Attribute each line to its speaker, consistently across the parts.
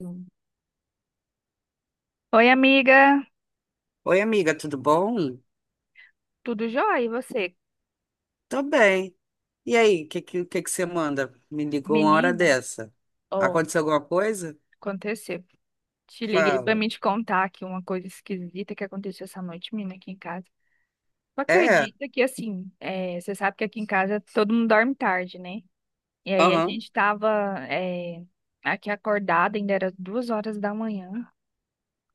Speaker 1: Hum. Oi, amiga,
Speaker 2: Oi, amiga, tudo bom?
Speaker 1: tudo jóia? E você?
Speaker 2: Tô bem. E aí, o que que você manda? Me ligou uma hora
Speaker 1: Menina,
Speaker 2: dessa.
Speaker 1: ó,
Speaker 2: Aconteceu alguma coisa?
Speaker 1: aconteceu. Te liguei pra
Speaker 2: Fala.
Speaker 1: me te contar aqui uma coisa esquisita que aconteceu essa noite, menina, aqui em casa. Tu
Speaker 2: É?
Speaker 1: acredita que, assim, você sabe que aqui em casa todo mundo dorme tarde, né? E aí a
Speaker 2: Aham.
Speaker 1: gente tava, é, aqui acordada, ainda era 2 horas da manhã,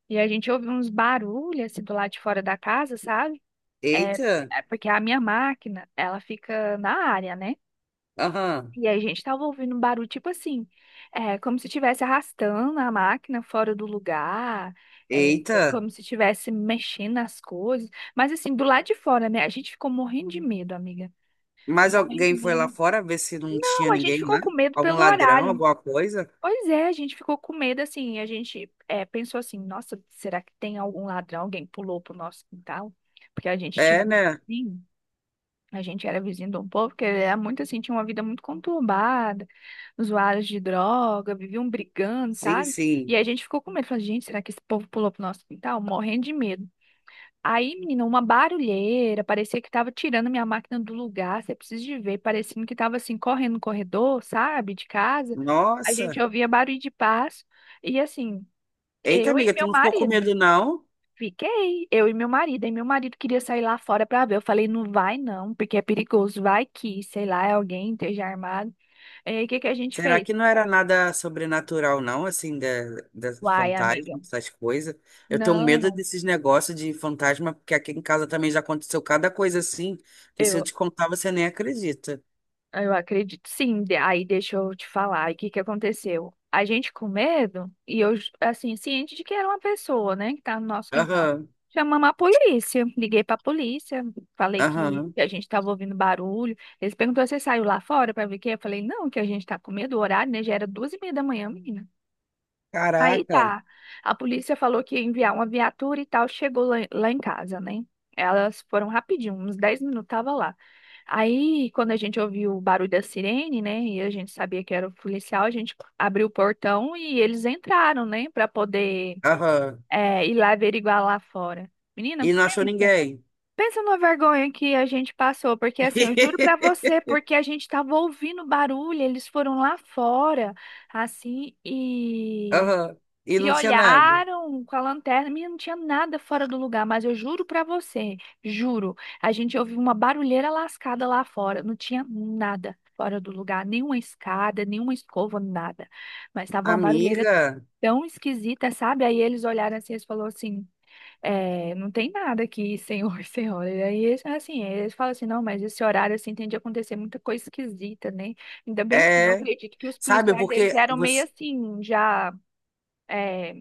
Speaker 1: e a gente ouviu uns barulhos, assim, do lado de fora da casa, sabe? É,
Speaker 2: Eita.
Speaker 1: é porque a minha máquina, ela fica na área, né?
Speaker 2: Aham.
Speaker 1: E aí, gente, tava ouvindo um barulho tipo assim, como se estivesse arrastando a máquina fora do lugar,
Speaker 2: Eita.
Speaker 1: como se estivesse mexendo nas coisas. Mas assim, do lado de fora, né? A gente ficou morrendo de medo, amiga.
Speaker 2: Mas
Speaker 1: Morrendo de
Speaker 2: alguém foi lá
Speaker 1: medo.
Speaker 2: fora ver se não tinha
Speaker 1: Não, a gente
Speaker 2: ninguém
Speaker 1: ficou
Speaker 2: lá?
Speaker 1: com medo
Speaker 2: Algum
Speaker 1: pelo
Speaker 2: ladrão,
Speaker 1: horário.
Speaker 2: alguma coisa?
Speaker 1: Pois é, a gente ficou com medo assim. A gente pensou assim, nossa, será que tem algum ladrão? Alguém pulou pro nosso quintal? Porque a gente tinha
Speaker 2: É, né?
Speaker 1: medo. A gente era vizinho de um povo que era muito assim, tinha uma vida muito conturbada, usuários de droga, viviam brigando,
Speaker 2: Sim,
Speaker 1: sabe? E
Speaker 2: sim.
Speaker 1: a gente ficou com medo, falou, gente, será que esse povo pulou pro nosso quintal? Morrendo de medo. Aí, menina, uma barulheira, parecia que tava tirando minha máquina do lugar, você precisa de ver, parecendo que tava assim, correndo no corredor, sabe, de casa. A gente
Speaker 2: Nossa.
Speaker 1: ouvia barulho de passo, e assim,
Speaker 2: Eita,
Speaker 1: eu e
Speaker 2: amiga, tu
Speaker 1: meu
Speaker 2: não ficou com
Speaker 1: marido.
Speaker 2: medo, não?
Speaker 1: Fiquei, eu e meu marido. E meu marido queria sair lá fora pra ver. Eu falei, não vai não, porque é perigoso. Vai que, sei lá, é alguém esteja armado. E aí, o que que a gente
Speaker 2: Será
Speaker 1: fez?
Speaker 2: que não era nada sobrenatural, não, assim, da, das
Speaker 1: Uai,
Speaker 2: fantasmas,
Speaker 1: amiga.
Speaker 2: essas coisas? Eu tenho medo
Speaker 1: Não.
Speaker 2: desses negócios de fantasma, porque aqui em casa também já aconteceu cada coisa assim, que se eu te contar, você nem acredita.
Speaker 1: Ah, eu acredito, sim. Aí deixa eu te falar, aí o que que aconteceu? A gente com medo, e eu, assim, ciente de que era uma pessoa, né, que tá no nosso quintal.
Speaker 2: Aham,
Speaker 1: Chamamos a polícia, liguei pra polícia, falei
Speaker 2: aham.
Speaker 1: que a gente tava ouvindo barulho. Eles perguntaram, você saiu lá fora pra ver o quê? Eu falei, não, que a gente tá com medo, o horário, né, já era 2h30 da manhã, menina. Aí
Speaker 2: Caraca,
Speaker 1: tá. A polícia falou que ia enviar uma viatura e tal, chegou lá, lá em casa, né? Elas foram rapidinho, uns 10 minutos tava lá. Aí, quando a gente ouviu o barulho da sirene, né, e a gente sabia que era o policial, a gente abriu o portão e eles entraram, né, pra poder
Speaker 2: aham.
Speaker 1: ir lá averiguar lá fora. Menina,
Speaker 2: E não achou
Speaker 1: pensa.
Speaker 2: ninguém.
Speaker 1: Pensa na vergonha que a gente passou, porque assim, eu juro pra você, porque a gente tava ouvindo barulho, eles foram lá fora, assim, e
Speaker 2: Aham. E
Speaker 1: e
Speaker 2: não tinha nada.
Speaker 1: olharam com a lanterna, menina, não tinha nada fora do lugar, mas eu juro pra você, juro, a gente ouviu uma barulheira lascada lá fora, não tinha nada fora do lugar, nenhuma escada, nenhuma escova, nada. Mas tava uma barulheira
Speaker 2: Amiga,
Speaker 1: tão esquisita, sabe? Aí eles olharam assim, eles falaram assim, não tem nada aqui, senhor, senhora. E aí, eles, assim, eles falam assim, não, mas esse horário, assim, tem de acontecer muita coisa esquisita, né? Ainda bem assim, eu
Speaker 2: é.
Speaker 1: acredito que os
Speaker 2: Sabe,
Speaker 1: policiais, eles
Speaker 2: porque
Speaker 1: eram meio
Speaker 2: você.
Speaker 1: assim, é,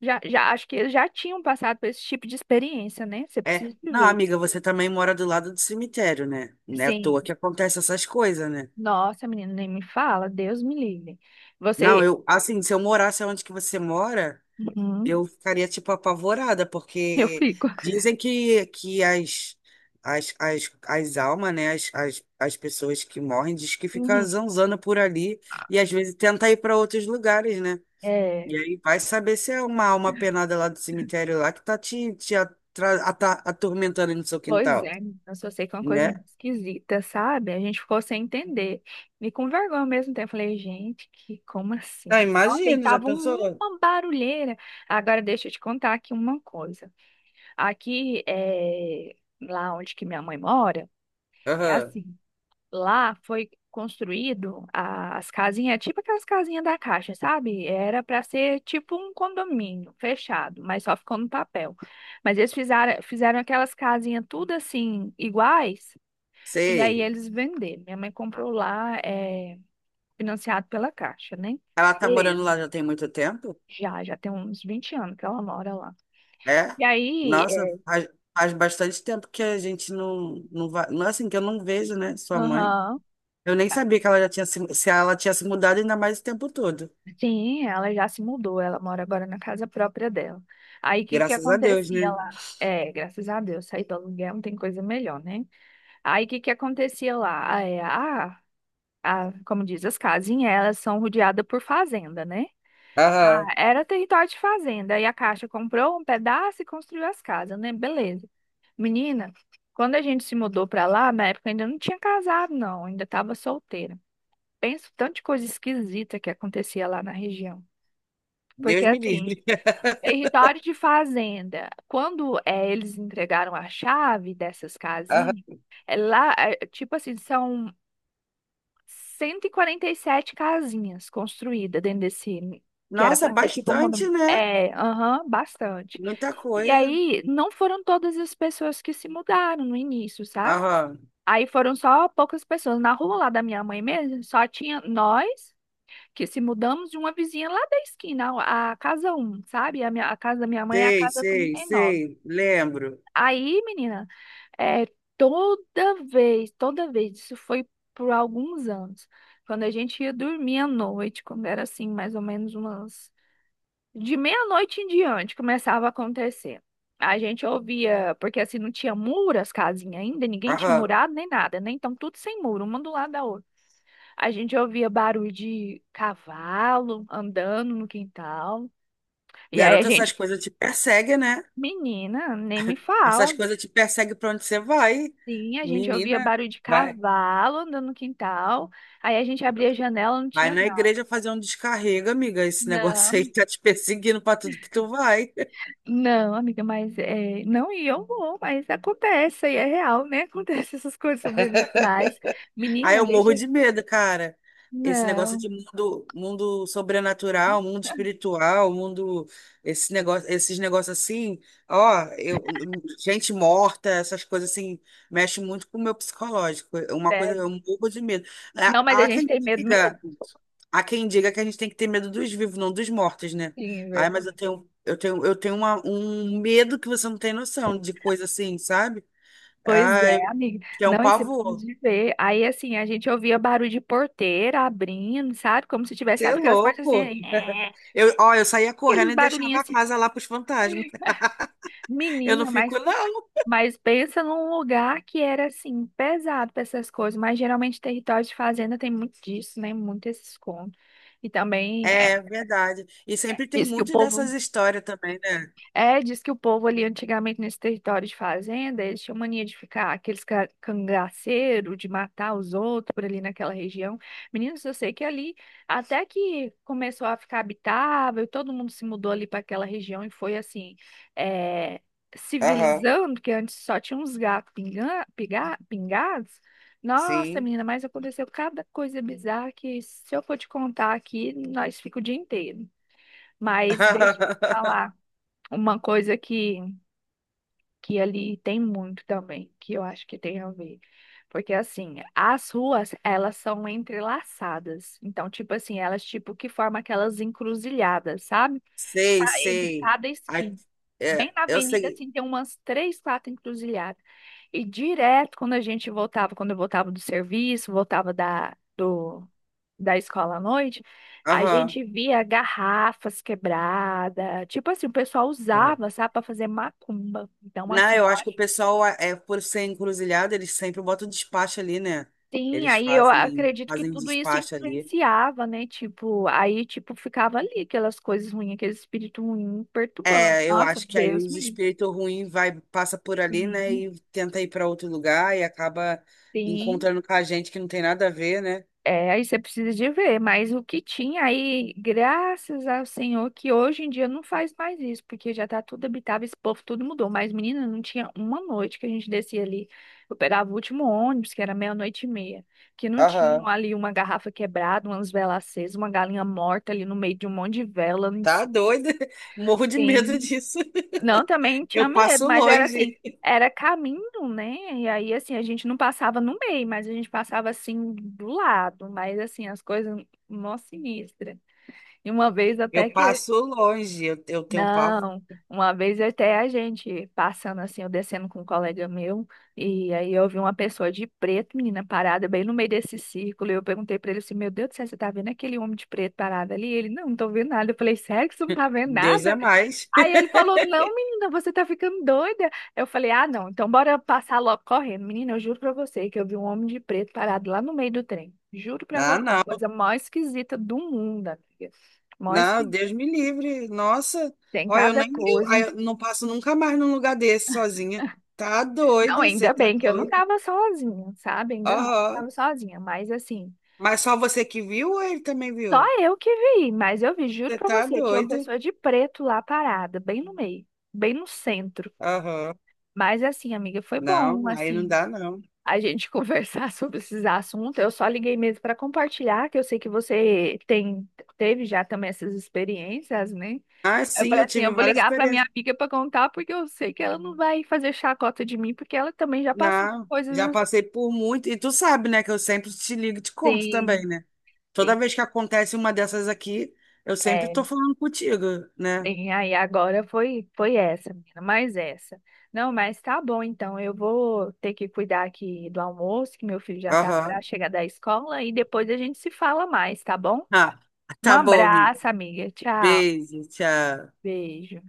Speaker 1: já, acho que eles já tinham passado por esse tipo de experiência, né? Você
Speaker 2: É.
Speaker 1: precisa
Speaker 2: Não,
Speaker 1: viver.
Speaker 2: amiga, você também mora do lado do cemitério, né? Não é à toa
Speaker 1: Sim.
Speaker 2: que acontece essas coisas, né?
Speaker 1: Nossa, menina, nem me fala. Deus me livre.
Speaker 2: Não,
Speaker 1: Você.
Speaker 2: eu, assim, se eu morasse onde que você mora,
Speaker 1: Uhum,
Speaker 2: eu ficaria, tipo, apavorada,
Speaker 1: eu
Speaker 2: porque
Speaker 1: fico.
Speaker 2: dizem que, que as almas, né, as pessoas que morrem, diz que fica
Speaker 1: Uhum.
Speaker 2: zanzando por ali e às vezes tenta ir para outros lugares, né?
Speaker 1: É.
Speaker 2: E aí vai saber se é uma alma penada lá do cemitério lá que tá te, atormentando no seu
Speaker 1: Pois
Speaker 2: quintal,
Speaker 1: é, menina, eu só sei que é uma coisa
Speaker 2: né?
Speaker 1: muito esquisita, sabe? A gente ficou sem entender. E com vergonha ao mesmo tempo. Eu falei, gente, que como assim?
Speaker 2: Ah,
Speaker 1: Nossa, e
Speaker 2: imagino, já
Speaker 1: tava
Speaker 2: pensou?
Speaker 1: uma barulheira. Agora deixa eu te contar aqui uma coisa. Aqui, é, lá onde que minha mãe mora, é
Speaker 2: Aham,
Speaker 1: assim. Lá foi construído as casinhas, tipo aquelas casinhas da Caixa, sabe? Era para ser tipo um condomínio fechado, mas só ficou no papel. Mas eles fizeram, fizeram aquelas casinhas tudo assim, iguais, e aí
Speaker 2: sei.
Speaker 1: eles venderam. Minha mãe comprou lá, é, financiado pela Caixa, né?
Speaker 2: Ela tá morando
Speaker 1: Beleza.
Speaker 2: lá já tem muito tempo?
Speaker 1: Já, já tem uns 20 anos que ela mora lá.
Speaker 2: É?
Speaker 1: E aí,
Speaker 2: Nossa, faz bastante tempo que a gente não, não vai. Não é assim que eu não vejo, né? Sua mãe.
Speaker 1: aham.
Speaker 2: Eu nem sabia que ela já tinha se, ela tinha se mudado ainda mais o tempo todo.
Speaker 1: Sim, ela já se mudou, ela mora agora na casa própria dela. Aí o que que
Speaker 2: Graças a Deus,
Speaker 1: acontecia
Speaker 2: né?
Speaker 1: lá? É, graças a Deus, sair do aluguel não tem coisa melhor, né? Aí o que que acontecia lá? Ah, é, a, como diz, as casinhas, elas são rodeadas por fazenda, né?
Speaker 2: Aham.
Speaker 1: Ah, era território de fazenda, e a Caixa comprou um pedaço e construiu as casas, né? Beleza. Menina, quando a gente se mudou pra lá, na época eu ainda não tinha casado, não, ainda estava solteira. Penso tanto de coisa esquisita que acontecia lá na região.
Speaker 2: Deus
Speaker 1: Porque
Speaker 2: me
Speaker 1: assim,
Speaker 2: livre.
Speaker 1: território de fazenda. Quando eles entregaram a chave dessas
Speaker 2: Aham.
Speaker 1: casinhas, lá, tipo assim, são 147 casinhas construídas dentro desse, que era
Speaker 2: Nossa,
Speaker 1: para ser tipo um
Speaker 2: bastante,
Speaker 1: condomínio.
Speaker 2: né?
Speaker 1: É, aham, bastante.
Speaker 2: Muita
Speaker 1: E
Speaker 2: coisa.
Speaker 1: aí, não foram todas as pessoas que se mudaram no início, sabe?
Speaker 2: Aham.
Speaker 1: Aí foram só poucas pessoas. Na rua lá da minha mãe mesmo, só tinha nós que se mudamos de uma vizinha lá da esquina, a casa um, sabe? A minha, a casa da minha mãe é a
Speaker 2: Sei,
Speaker 1: casa trinta
Speaker 2: sei,
Speaker 1: e nove
Speaker 2: sei. Lembro.
Speaker 1: Aí, menina, é, toda vez, isso foi por alguns anos, quando a gente ia dormir à noite, quando era assim, mais ou menos umas. De meia-noite em diante começava a acontecer. A gente ouvia, porque assim não tinha muro as casinhas ainda, ninguém tinha
Speaker 2: Aham.
Speaker 1: murado nem nada, né? Então tudo sem muro, uma do lado da outra. A gente ouvia barulho de cavalo andando no quintal. E aí a
Speaker 2: Garota, essas
Speaker 1: gente,
Speaker 2: coisas te perseguem, né?
Speaker 1: menina, nem me
Speaker 2: Essas
Speaker 1: fala.
Speaker 2: coisas te perseguem pra onde você vai.
Speaker 1: Sim, a gente ouvia
Speaker 2: Menina,
Speaker 1: barulho de
Speaker 2: vai.
Speaker 1: cavalo andando no quintal. Aí a gente abria a janela, não
Speaker 2: Vai
Speaker 1: tinha
Speaker 2: na
Speaker 1: nada.
Speaker 2: igreja fazer um descarrego, amiga. Esse negócio aí
Speaker 1: Não,
Speaker 2: tá te perseguindo pra tudo que tu vai.
Speaker 1: não, amiga, mas é, não e eu vou, mas acontece, aí é real, né? Acontece essas coisas sobrenaturais.
Speaker 2: Aí
Speaker 1: Menina,
Speaker 2: eu
Speaker 1: deixa.
Speaker 2: morro de medo, cara. Esse negócio
Speaker 1: Não,
Speaker 2: de mundo, mundo sobrenatural, mundo espiritual, mundo, esse negócio, esses negócios assim, ó, eu, gente morta, essas coisas assim, mexe muito com o meu psicológico. É uma coisa,
Speaker 1: sério.
Speaker 2: eu morro de medo.
Speaker 1: Não, mas
Speaker 2: Há
Speaker 1: a
Speaker 2: há
Speaker 1: gente
Speaker 2: quem
Speaker 1: tem medo
Speaker 2: diga
Speaker 1: mesmo.
Speaker 2: Há quem diga que a gente tem que ter medo dos vivos, não dos mortos, né?
Speaker 1: Sim,
Speaker 2: Ai, mas
Speaker 1: verdade.
Speaker 2: eu tenho um medo que você não tem noção de coisa assim, sabe?
Speaker 1: Pois
Speaker 2: Ai,
Speaker 1: é, amiga.
Speaker 2: que é um
Speaker 1: Não, isso é
Speaker 2: pavor.
Speaker 1: de ver. Aí, assim, a gente ouvia barulho de porteira abrindo, sabe? Como se tivesse,
Speaker 2: Você é
Speaker 1: sabe aquelas portas assim,
Speaker 2: louco.
Speaker 1: aí,
Speaker 2: Eu, ó, eu saía correndo
Speaker 1: aqueles
Speaker 2: e deixava
Speaker 1: barulhinhos
Speaker 2: a
Speaker 1: assim.
Speaker 2: casa lá pros fantasmas. Eu não
Speaker 1: Menina,
Speaker 2: fico, não.
Speaker 1: mas pensa num lugar que era, assim, pesado para essas coisas. Mas geralmente território de fazenda tem muito disso, né? Muito esse escondo. E também é,
Speaker 2: É verdade. E sempre tem
Speaker 1: diz que o
Speaker 2: muito
Speaker 1: povo
Speaker 2: dessas histórias também, né?
Speaker 1: é, diz que o povo ali antigamente nesse território de fazenda, eles tinham mania de ficar aqueles cangaceiro, de matar os outros por ali naquela região. Meninos, eu sei que ali, até que começou a ficar habitável, todo mundo se mudou ali para aquela região e foi assim, é,
Speaker 2: Aham,
Speaker 1: civilizando, que antes só tinha uns gatos pingados. Nossa,
Speaker 2: sim.
Speaker 1: menina, mas aconteceu cada coisa bizarra que se eu for te contar aqui, nós fica o dia inteiro. Mas deixa eu te falar. Uma coisa que ali tem muito também, que eu acho que tem a ver. Porque assim, as ruas, elas são entrelaçadas. Então, tipo assim, elas tipo que formam aquelas encruzilhadas, sabe? Tá.
Speaker 2: Sei,
Speaker 1: Entre
Speaker 2: sei.
Speaker 1: cada
Speaker 2: Ai,
Speaker 1: esquina. Bem
Speaker 2: é,
Speaker 1: na
Speaker 2: eu
Speaker 1: avenida,
Speaker 2: sei.
Speaker 1: assim, tem umas três, quatro encruzilhadas. E direto, quando a gente voltava, quando eu voltava do serviço, voltava da escola à noite, a
Speaker 2: Aham.
Speaker 1: gente via garrafas quebradas. Tipo assim, o pessoal usava, sabe, para fazer macumba. Então,
Speaker 2: Não,
Speaker 1: assim,
Speaker 2: eu
Speaker 1: eu
Speaker 2: acho que o
Speaker 1: acho.
Speaker 2: pessoal, é, por ser encruzilhada, eles sempre botam despacho ali, né?
Speaker 1: Sim,
Speaker 2: Eles
Speaker 1: aí eu
Speaker 2: fazem,
Speaker 1: acredito que
Speaker 2: fazem
Speaker 1: tudo isso
Speaker 2: despacho ali.
Speaker 1: influenciava, né? Tipo, aí, tipo, ficava ali aquelas coisas ruins, aquele espírito ruim perturbando.
Speaker 2: É, eu
Speaker 1: Nossa,
Speaker 2: acho que aí
Speaker 1: Deus
Speaker 2: os
Speaker 1: me livre.
Speaker 2: espíritos ruins vai, passa por ali, né?
Speaker 1: Sim,
Speaker 2: E tenta ir para outro lugar e acaba
Speaker 1: sim.
Speaker 2: encontrando com a gente que não tem nada a ver, né?
Speaker 1: É, aí você precisa de ver, mas o que tinha aí, graças ao Senhor, que hoje em dia não faz mais isso, porque já tá tudo habitável, esse povo tudo mudou. Mas, menina, não tinha uma noite que a gente descia ali. Eu pegava o último ônibus, que era meia-noite e meia, que não tinha
Speaker 2: Aham.
Speaker 1: ali uma garrafa quebrada, umas velas acesas, uma galinha morta ali no meio de um monte de vela, um
Speaker 2: Tá doido. Morro de medo disso.
Speaker 1: não, também tinha
Speaker 2: Eu
Speaker 1: medo,
Speaker 2: passo
Speaker 1: mas era assim,
Speaker 2: longe.
Speaker 1: era caminho, né? E aí, assim, a gente não passava no meio, mas a gente passava assim do lado, mas assim, as coisas mó sinistra. E uma vez
Speaker 2: Eu
Speaker 1: até que.
Speaker 2: passo longe. Eu tenho pavor.
Speaker 1: Não, uma vez até a gente passando assim, eu descendo com um colega meu, e aí eu vi uma pessoa de preto, menina, parada bem no meio desse círculo, e eu perguntei pra ele assim, meu Deus do céu, você tá vendo aquele homem de preto parado ali? Ele, não, não tô vendo nada. Eu falei, sério que você não tá vendo
Speaker 2: Deus é
Speaker 1: nada?
Speaker 2: mais.
Speaker 1: Aí ele falou: não, menina, você tá ficando doida. Eu falei: ah, não, então bora passar logo correndo. Menina, eu juro pra você que eu vi um homem de preto parado lá no meio do trem. Juro pra
Speaker 2: Ah,
Speaker 1: você, a
Speaker 2: não.
Speaker 1: coisa mais esquisita do mundo, amiga. Mó
Speaker 2: Não,
Speaker 1: esquisita.
Speaker 2: Deus me livre. Nossa,
Speaker 1: Tem
Speaker 2: olha, eu
Speaker 1: cada
Speaker 2: nem eu, aí
Speaker 1: coisa.
Speaker 2: eu não passo nunca mais num lugar desse sozinha. Tá
Speaker 1: Não,
Speaker 2: doido, você
Speaker 1: ainda
Speaker 2: tá
Speaker 1: bem que eu não
Speaker 2: doido.
Speaker 1: tava sozinha, sabe? Ainda bem que eu
Speaker 2: Aham.
Speaker 1: tava sozinha, mas assim,
Speaker 2: Mas só você que viu ou ele também
Speaker 1: só
Speaker 2: viu?
Speaker 1: eu que vi, mas eu vi, juro
Speaker 2: Você
Speaker 1: pra
Speaker 2: tá
Speaker 1: você, tinha uma
Speaker 2: doido.
Speaker 1: pessoa de preto lá parada, bem no meio, bem no centro.
Speaker 2: Aham.
Speaker 1: Mas assim, amiga, foi bom,
Speaker 2: Não, aí não
Speaker 1: assim
Speaker 2: dá, não.
Speaker 1: a gente conversar sobre esses assuntos. Eu só liguei mesmo para compartilhar, que eu sei que você tem, teve já também essas experiências, né?
Speaker 2: Ah,
Speaker 1: Eu
Speaker 2: sim,
Speaker 1: falei
Speaker 2: eu
Speaker 1: assim,
Speaker 2: tive
Speaker 1: eu vou
Speaker 2: várias
Speaker 1: ligar para minha
Speaker 2: experiências.
Speaker 1: amiga para contar, porque eu sei que ela não vai fazer chacota de mim, porque ela também já passou por
Speaker 2: Não, já
Speaker 1: coisas
Speaker 2: passei por muito. E tu sabe, né, que eu sempre te ligo e te conto também,
Speaker 1: assim.
Speaker 2: né? Toda
Speaker 1: Sim,
Speaker 2: vez que acontece uma dessas aqui, eu sempre
Speaker 1: é,
Speaker 2: tô falando contigo, né?
Speaker 1: tem aí agora foi essa, menina, mais essa. Não, mas tá bom, então eu vou ter que cuidar aqui do almoço, que meu filho já tá para
Speaker 2: Aham.
Speaker 1: chegar da escola e depois a gente se fala mais, tá bom?
Speaker 2: Ah,
Speaker 1: Um
Speaker 2: tá bom, amigo.
Speaker 1: abraço, amiga. Tchau.
Speaker 2: Beijo, tchau.
Speaker 1: Beijo.